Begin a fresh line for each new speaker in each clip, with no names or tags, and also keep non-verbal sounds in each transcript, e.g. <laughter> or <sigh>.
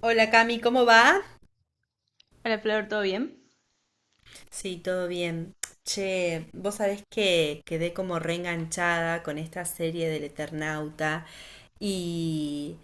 Hola Cami, ¿cómo va?
Hola Flor, ¿todo bien?
Sí, todo bien. Che, vos sabés que quedé como reenganchada con esta serie del Eternauta y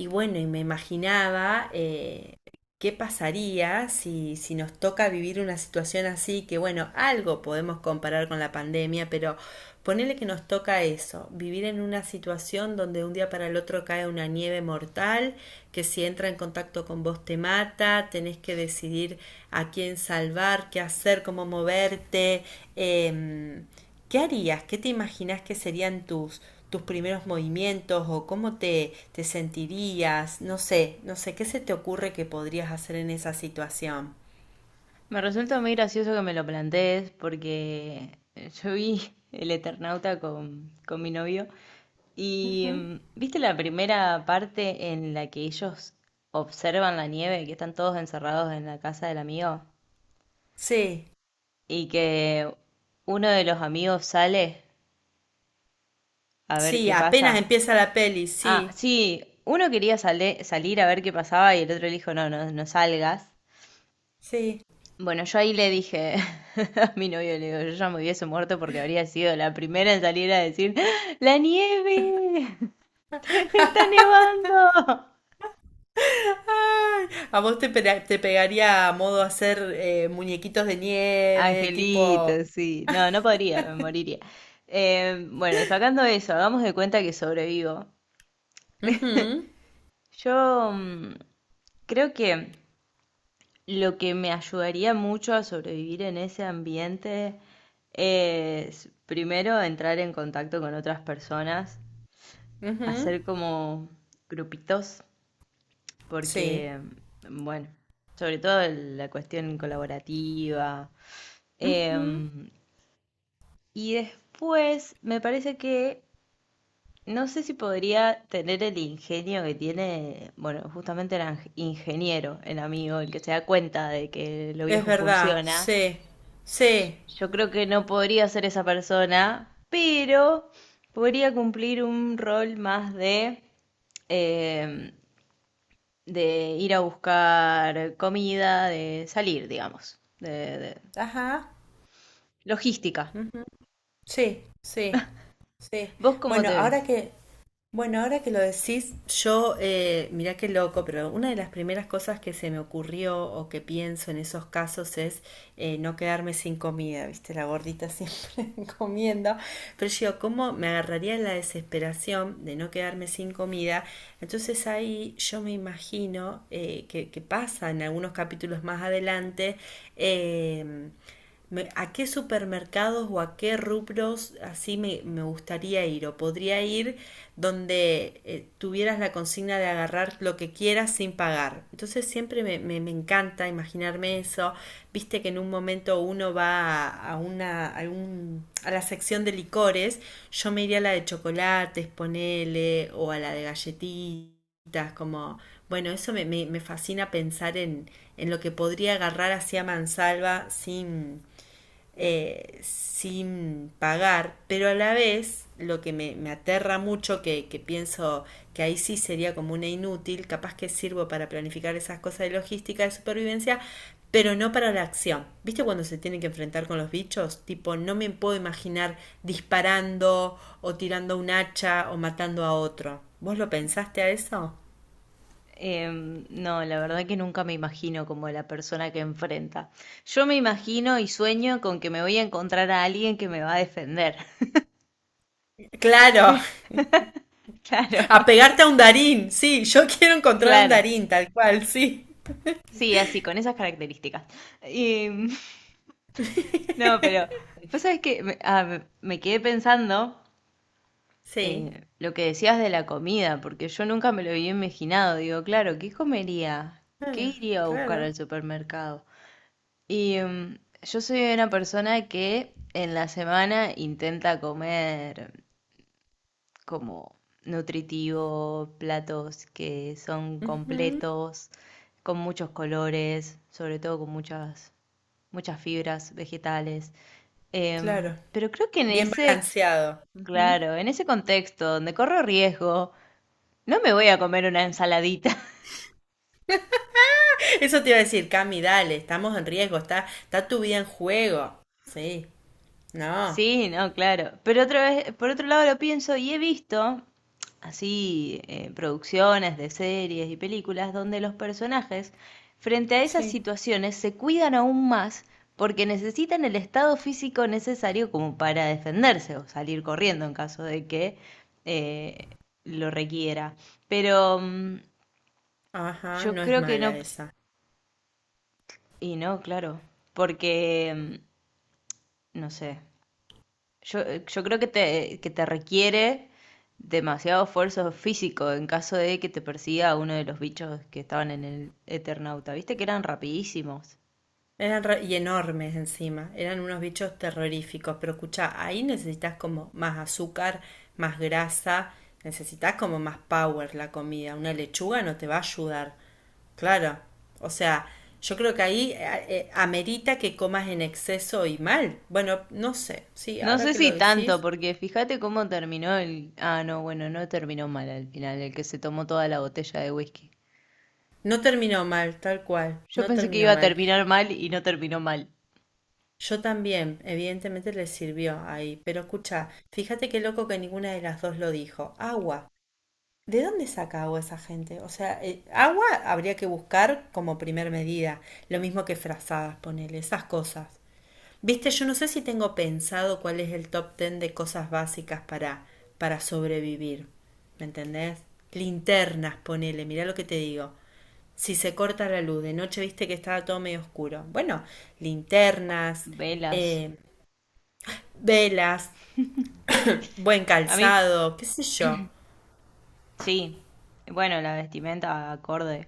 y bueno, y me imaginaba qué pasaría si nos toca vivir una situación así, que bueno, algo podemos comparar con la pandemia, pero ponele que nos toca eso, vivir en una situación donde un día para el otro cae una nieve mortal, que si entra en contacto con vos te mata, tenés que decidir a quién salvar, qué hacer, cómo moverte. em, ¿Qué harías? ¿Qué te imaginas que serían tus, tus primeros movimientos o cómo te, te sentirías? No sé, no sé, ¿qué se te ocurre que podrías hacer en esa situación?
Me resulta muy gracioso que me lo plantees porque yo vi El Eternauta con mi novio y
Ujú.
¿viste la primera parte en la que ellos observan la nieve, que están todos encerrados en la casa del amigo
Sí,
y que uno de los amigos sale a ver
sí,
qué
apenas
pasa?
empieza la peli,
Ah,
sí,
sí, uno quería salir a ver qué pasaba y el otro le dijo, no, no, no salgas.
sí. <laughs>
Bueno, yo ahí le dije <laughs> a mi novio, le digo, yo ya me hubiese muerto porque habría sido la primera en salir a decir, ¡La nieve! <laughs> ¡Está nevando!
Ay, a vos te, te pegaría a modo hacer muñequitos de nieve, tipo.
Angelito, sí. No, no podría, me moriría. Bueno, sacando eso, hagamos de cuenta que sobrevivo.
Ujú,
Yo mm, Creo que lo que me ayudaría mucho a sobrevivir en ese ambiente es, primero, entrar en contacto con otras personas,
ujú,
hacer como grupitos,
sí.
porque, bueno, sobre todo la cuestión colaborativa.
Ujú.
Em, y después me parece que no sé si podría tener el ingenio que tiene, bueno, justamente el ingeniero, el amigo, el que se da cuenta de que lo
Es
viejo
verdad,
funciona.
sí, sí.
Yo creo que no podría ser esa persona, pero podría cumplir un rol más de em, de ir a buscar comida, de salir, digamos, de
Ajá.
logística.
Sí, sí, sí.
¿Vos cómo
Bueno,
te
ahora
ves?
que, bueno, ahora que lo decís, yo, mirá qué loco, pero una de las primeras cosas que se me ocurrió o que pienso en esos casos es no quedarme sin comida, ¿viste? La gordita siempre <laughs> comiendo. Pero yo, ¿cómo me agarraría la desesperación de no quedarme sin comida? Entonces ahí yo me imagino que pasa en algunos capítulos más adelante. em, ¿A qué supermercados o a qué rubros así me, gustaría ir? ¿O podría ir donde tuvieras la consigna de agarrar lo que quieras sin pagar? Entonces siempre me, me encanta imaginarme eso. Viste que en un momento uno va a una, a la sección de licores, yo me iría a la de chocolates, ponele, o a la de galletitas, como. Bueno, eso me, me fascina pensar en lo que podría agarrar hacia mansalva sin, sin pagar, pero a la vez lo que me aterra mucho, que pienso que ahí sí sería como una inútil, capaz que sirvo para planificar esas cosas de logística, de supervivencia, pero no para la acción. ¿Viste cuando se tienen que enfrentar con los bichos? Tipo, no me puedo imaginar disparando o tirando un hacha o matando a otro. ¿Vos lo pensaste a eso?
No, la verdad que nunca me imagino como la persona que enfrenta. Yo me imagino y sueño con que me voy a encontrar a alguien que me va a defender.
Claro,
<laughs> Claro,
a pegarte a un Darín, sí, yo <laughs> quiero encontrar a un
claro.
Darín, tal cual, sí.
Sí, así, con esas características. Em, <laughs> no, pero, ¿vos sabés que me quedé pensando
Sí,
Lo que decías de la comida, porque yo nunca me lo había imaginado. Digo, claro, ¿qué comería? ¿Qué
claro,
iría a buscar
claro.
al supermercado? Y yo soy una persona que en la semana intenta comer como nutritivo, platos que son
Ujú,
completos, con muchos colores, sobre todo con muchas fibras vegetales.
claro,
Pero creo que en
bien
ese,
balanceado. Ujú.
claro, en ese contexto donde corro riesgo no me voy a comer una ensaladita. <laughs>
Eso te iba a decir, Cami, dale, estamos en riesgo, está, está tu vida en juego. Sí, no,
Sí, no, claro. Pero otra vez, por otro lado lo pienso y he visto así producciones de series y películas donde los personajes frente a esas
sí.
situaciones se cuidan aún más porque necesitan el estado físico necesario como para defenderse o salir corriendo en caso de que eh, lo requiera. Pero
Ajá,
yo
no es
creo que no,
mala esa.
y no, claro, porque, no sé, yo creo que que te requiere demasiado esfuerzo físico en caso de que te persiga uno de los bichos que estaban en el Eternauta. Viste que eran rapidísimos.
Y enormes encima, eran unos bichos terroríficos, pero escuchá, ahí necesitas como más azúcar, más grasa, necesitas como más power la comida, una lechuga no te va a ayudar, claro, o sea, yo creo que ahí amerita que comas en exceso y mal, bueno, no sé, sí,
No
ahora
sé
que
si
lo
tanto,
decís,
porque fíjate cómo terminó el... Ah, no, bueno, no terminó mal al final, el que se tomó toda la botella de whisky.
no terminó mal, tal cual,
Yo
no
pensé que
terminó
iba a
mal.
terminar mal y no terminó mal.
Yo también, evidentemente le sirvió ahí, pero escucha, fíjate qué loco que ninguna de las dos lo dijo. Agua. ¿De dónde saca agua esa gente? O sea, agua habría que buscar como primer medida, lo mismo que frazadas, ponele, esas cosas. Viste, yo no sé si tengo pensado cuál es el top ten de cosas básicas para sobrevivir. ¿Me entendés? Linternas, ponele, mirá lo que te digo. Si se corta la luz, de noche viste que estaba todo medio oscuro. Bueno, linternas,
Velas.
eh, velas, buen
A mí,
calzado, qué sé yo.
sí. Bueno, la vestimenta acorde.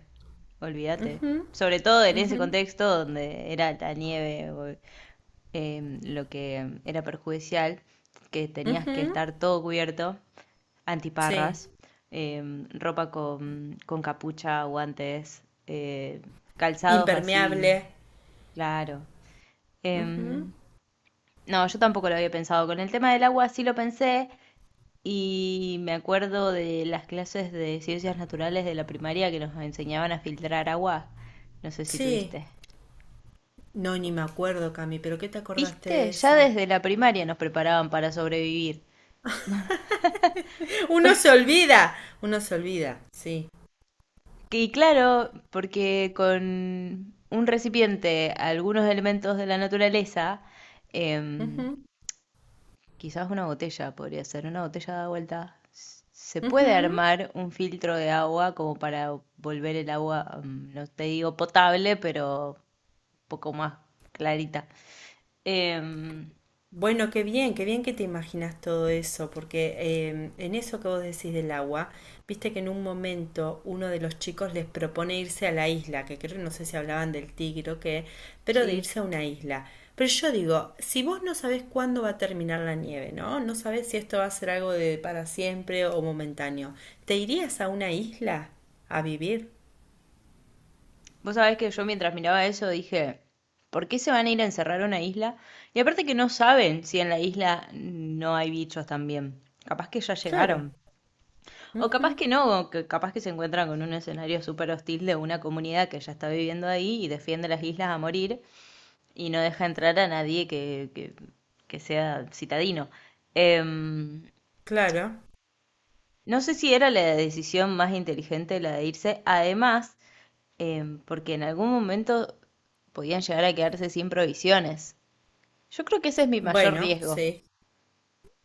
Olvídate. Sobre todo en ese contexto donde era la nieve. Lo que era perjudicial, que tenías que
Ujú,
estar todo cubierto,
sí,
antiparras, ropa con capucha, guantes, calzados
impermeable.
así, claro.
Ujú.
Em, no, yo tampoco lo había pensado. Con el tema del agua sí lo pensé y me acuerdo de las clases de ciencias naturales de la primaria que nos enseñaban a filtrar agua. No sé si
Sí.
tuviste.
No, ni me acuerdo, Cami, pero ¿qué te acordaste de
¿Viste? Ya
eso?
desde la primaria nos preparaban para sobrevivir.
<laughs> Uno se olvida, uno se olvida, sí.
Y claro, porque con un recipiente, algunos elementos de la naturaleza, em,
Ujú,
quizás una botella podría ser, una botella da vuelta, se puede
ujú.
armar un filtro de agua como para volver el agua, no te digo potable, pero un poco más clarita. Em,
Bueno, qué bien que te imaginas todo eso, porque en eso que vos decís del agua, viste que en un momento uno de los chicos les propone irse a la isla, que creo, no sé si hablaban del tigre o qué, pero de
sí.
irse a una isla. Pero yo digo, si vos no sabés cuándo va a terminar la nieve, ¿no? No sabés si esto va a ser algo de para siempre o momentáneo, ¿te irías a una isla a vivir?
Vos sabés que yo mientras miraba eso dije, ¿por qué se van a ir a encerrar a una isla? Y aparte que no saben si en la isla no hay bichos también. Capaz que ya
Claro,
llegaron. O capaz
ujú,
que no, o que capaz que se encuentran con un escenario súper hostil de una comunidad que ya está viviendo ahí y defiende las islas a morir y no deja entrar a nadie que sea citadino. Em,
claro.
no sé si era la decisión más inteligente la de irse. Además, porque en algún momento podían llegar a quedarse sin provisiones. Yo creo que ese es mi mayor
Bueno,
riesgo.
sí.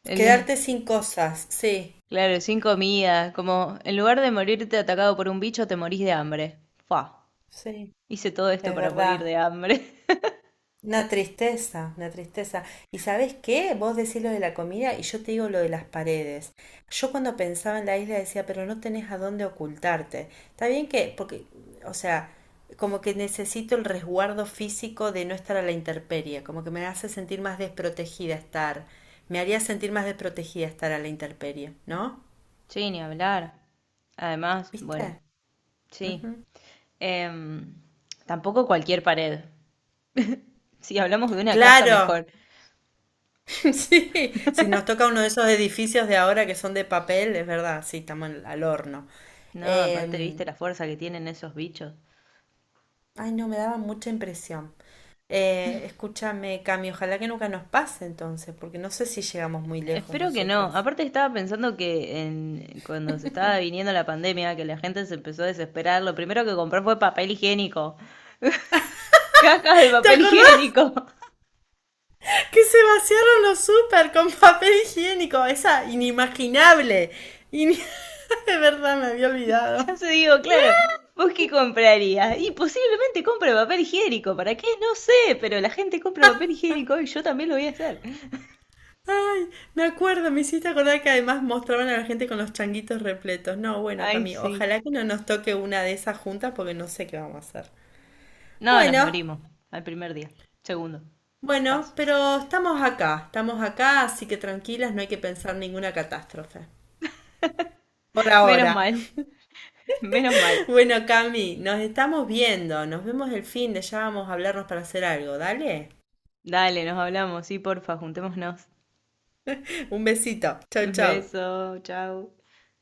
El-
Quedarte sin cosas, sí,
<laughs> claro, sin comida, como en lugar de morirte atacado por un bicho, te morís de hambre. Fua,
sí.
hice todo esto
Es
para morir
verdad,
de hambre. <laughs>
una tristeza, una tristeza. ¿Y sabés qué? Vos decís lo de la comida y yo te digo lo de las paredes. Yo cuando pensaba en la isla decía, pero no tenés a dónde ocultarte. Está bien que, porque, o sea, como que necesito el resguardo físico de no estar a la intemperie, como que me hace sentir más desprotegida estar, me haría sentir más desprotegida estar a la intemperie, ¿no?
Sí, ni hablar. Además, bueno,
¿Viste?
sí.
Ujú.
Em, Tampoco cualquier pared. Si hablamos de una casa,
Claro.
mejor.
<laughs> Sí, si nos toca uno de esos edificios de ahora que son de papel, es verdad, sí, estamos al horno.
No, aparte,
Eh,
viste la fuerza que tienen esos bichos.
ay, no, me daba mucha impresión. Escúchame, Cami, ojalá que nunca nos pase entonces, porque no sé si llegamos muy lejos
Espero que no.
nosotras.
Aparte estaba pensando que en, cuando se estaba viniendo la pandemia, que la gente se empezó a desesperar, lo primero que compró fue papel higiénico. <laughs> Cajas de
<laughs> ¿Te
papel
acordás
higiénico. <laughs>
que se vaciaron los súper con papel higiénico? Esa inimaginable. Y <laughs> de verdad me había olvidado.
Ya se digo, claro, ¿vos qué comprarías? Y posiblemente compre papel higiénico. ¿Para qué? No sé, pero la gente compra papel higiénico y yo también lo voy a hacer.
Ay, me acuerdo, me hiciste acordar que además mostraban a la gente con los changuitos repletos. No, bueno,
Ay,
Cami,
sí.
ojalá que no nos toque una de esas juntas porque no sé qué vamos a hacer.
No, nos
Bueno,
morimos al primer día. Segundo,
bueno,
capaz.
pero estamos acá, así que tranquilas, no hay que pensar ninguna catástrofe. Por
Menos
ahora.
mal,
<laughs>
<laughs> menos mal.
Bueno, Cami, nos estamos viendo, nos vemos el fin de, ya vamos a hablarnos para hacer algo, dale.
Dale, nos hablamos. Sí, porfa, juntémonos.
Un besito,
<laughs>
chau, chau.
Beso, chao.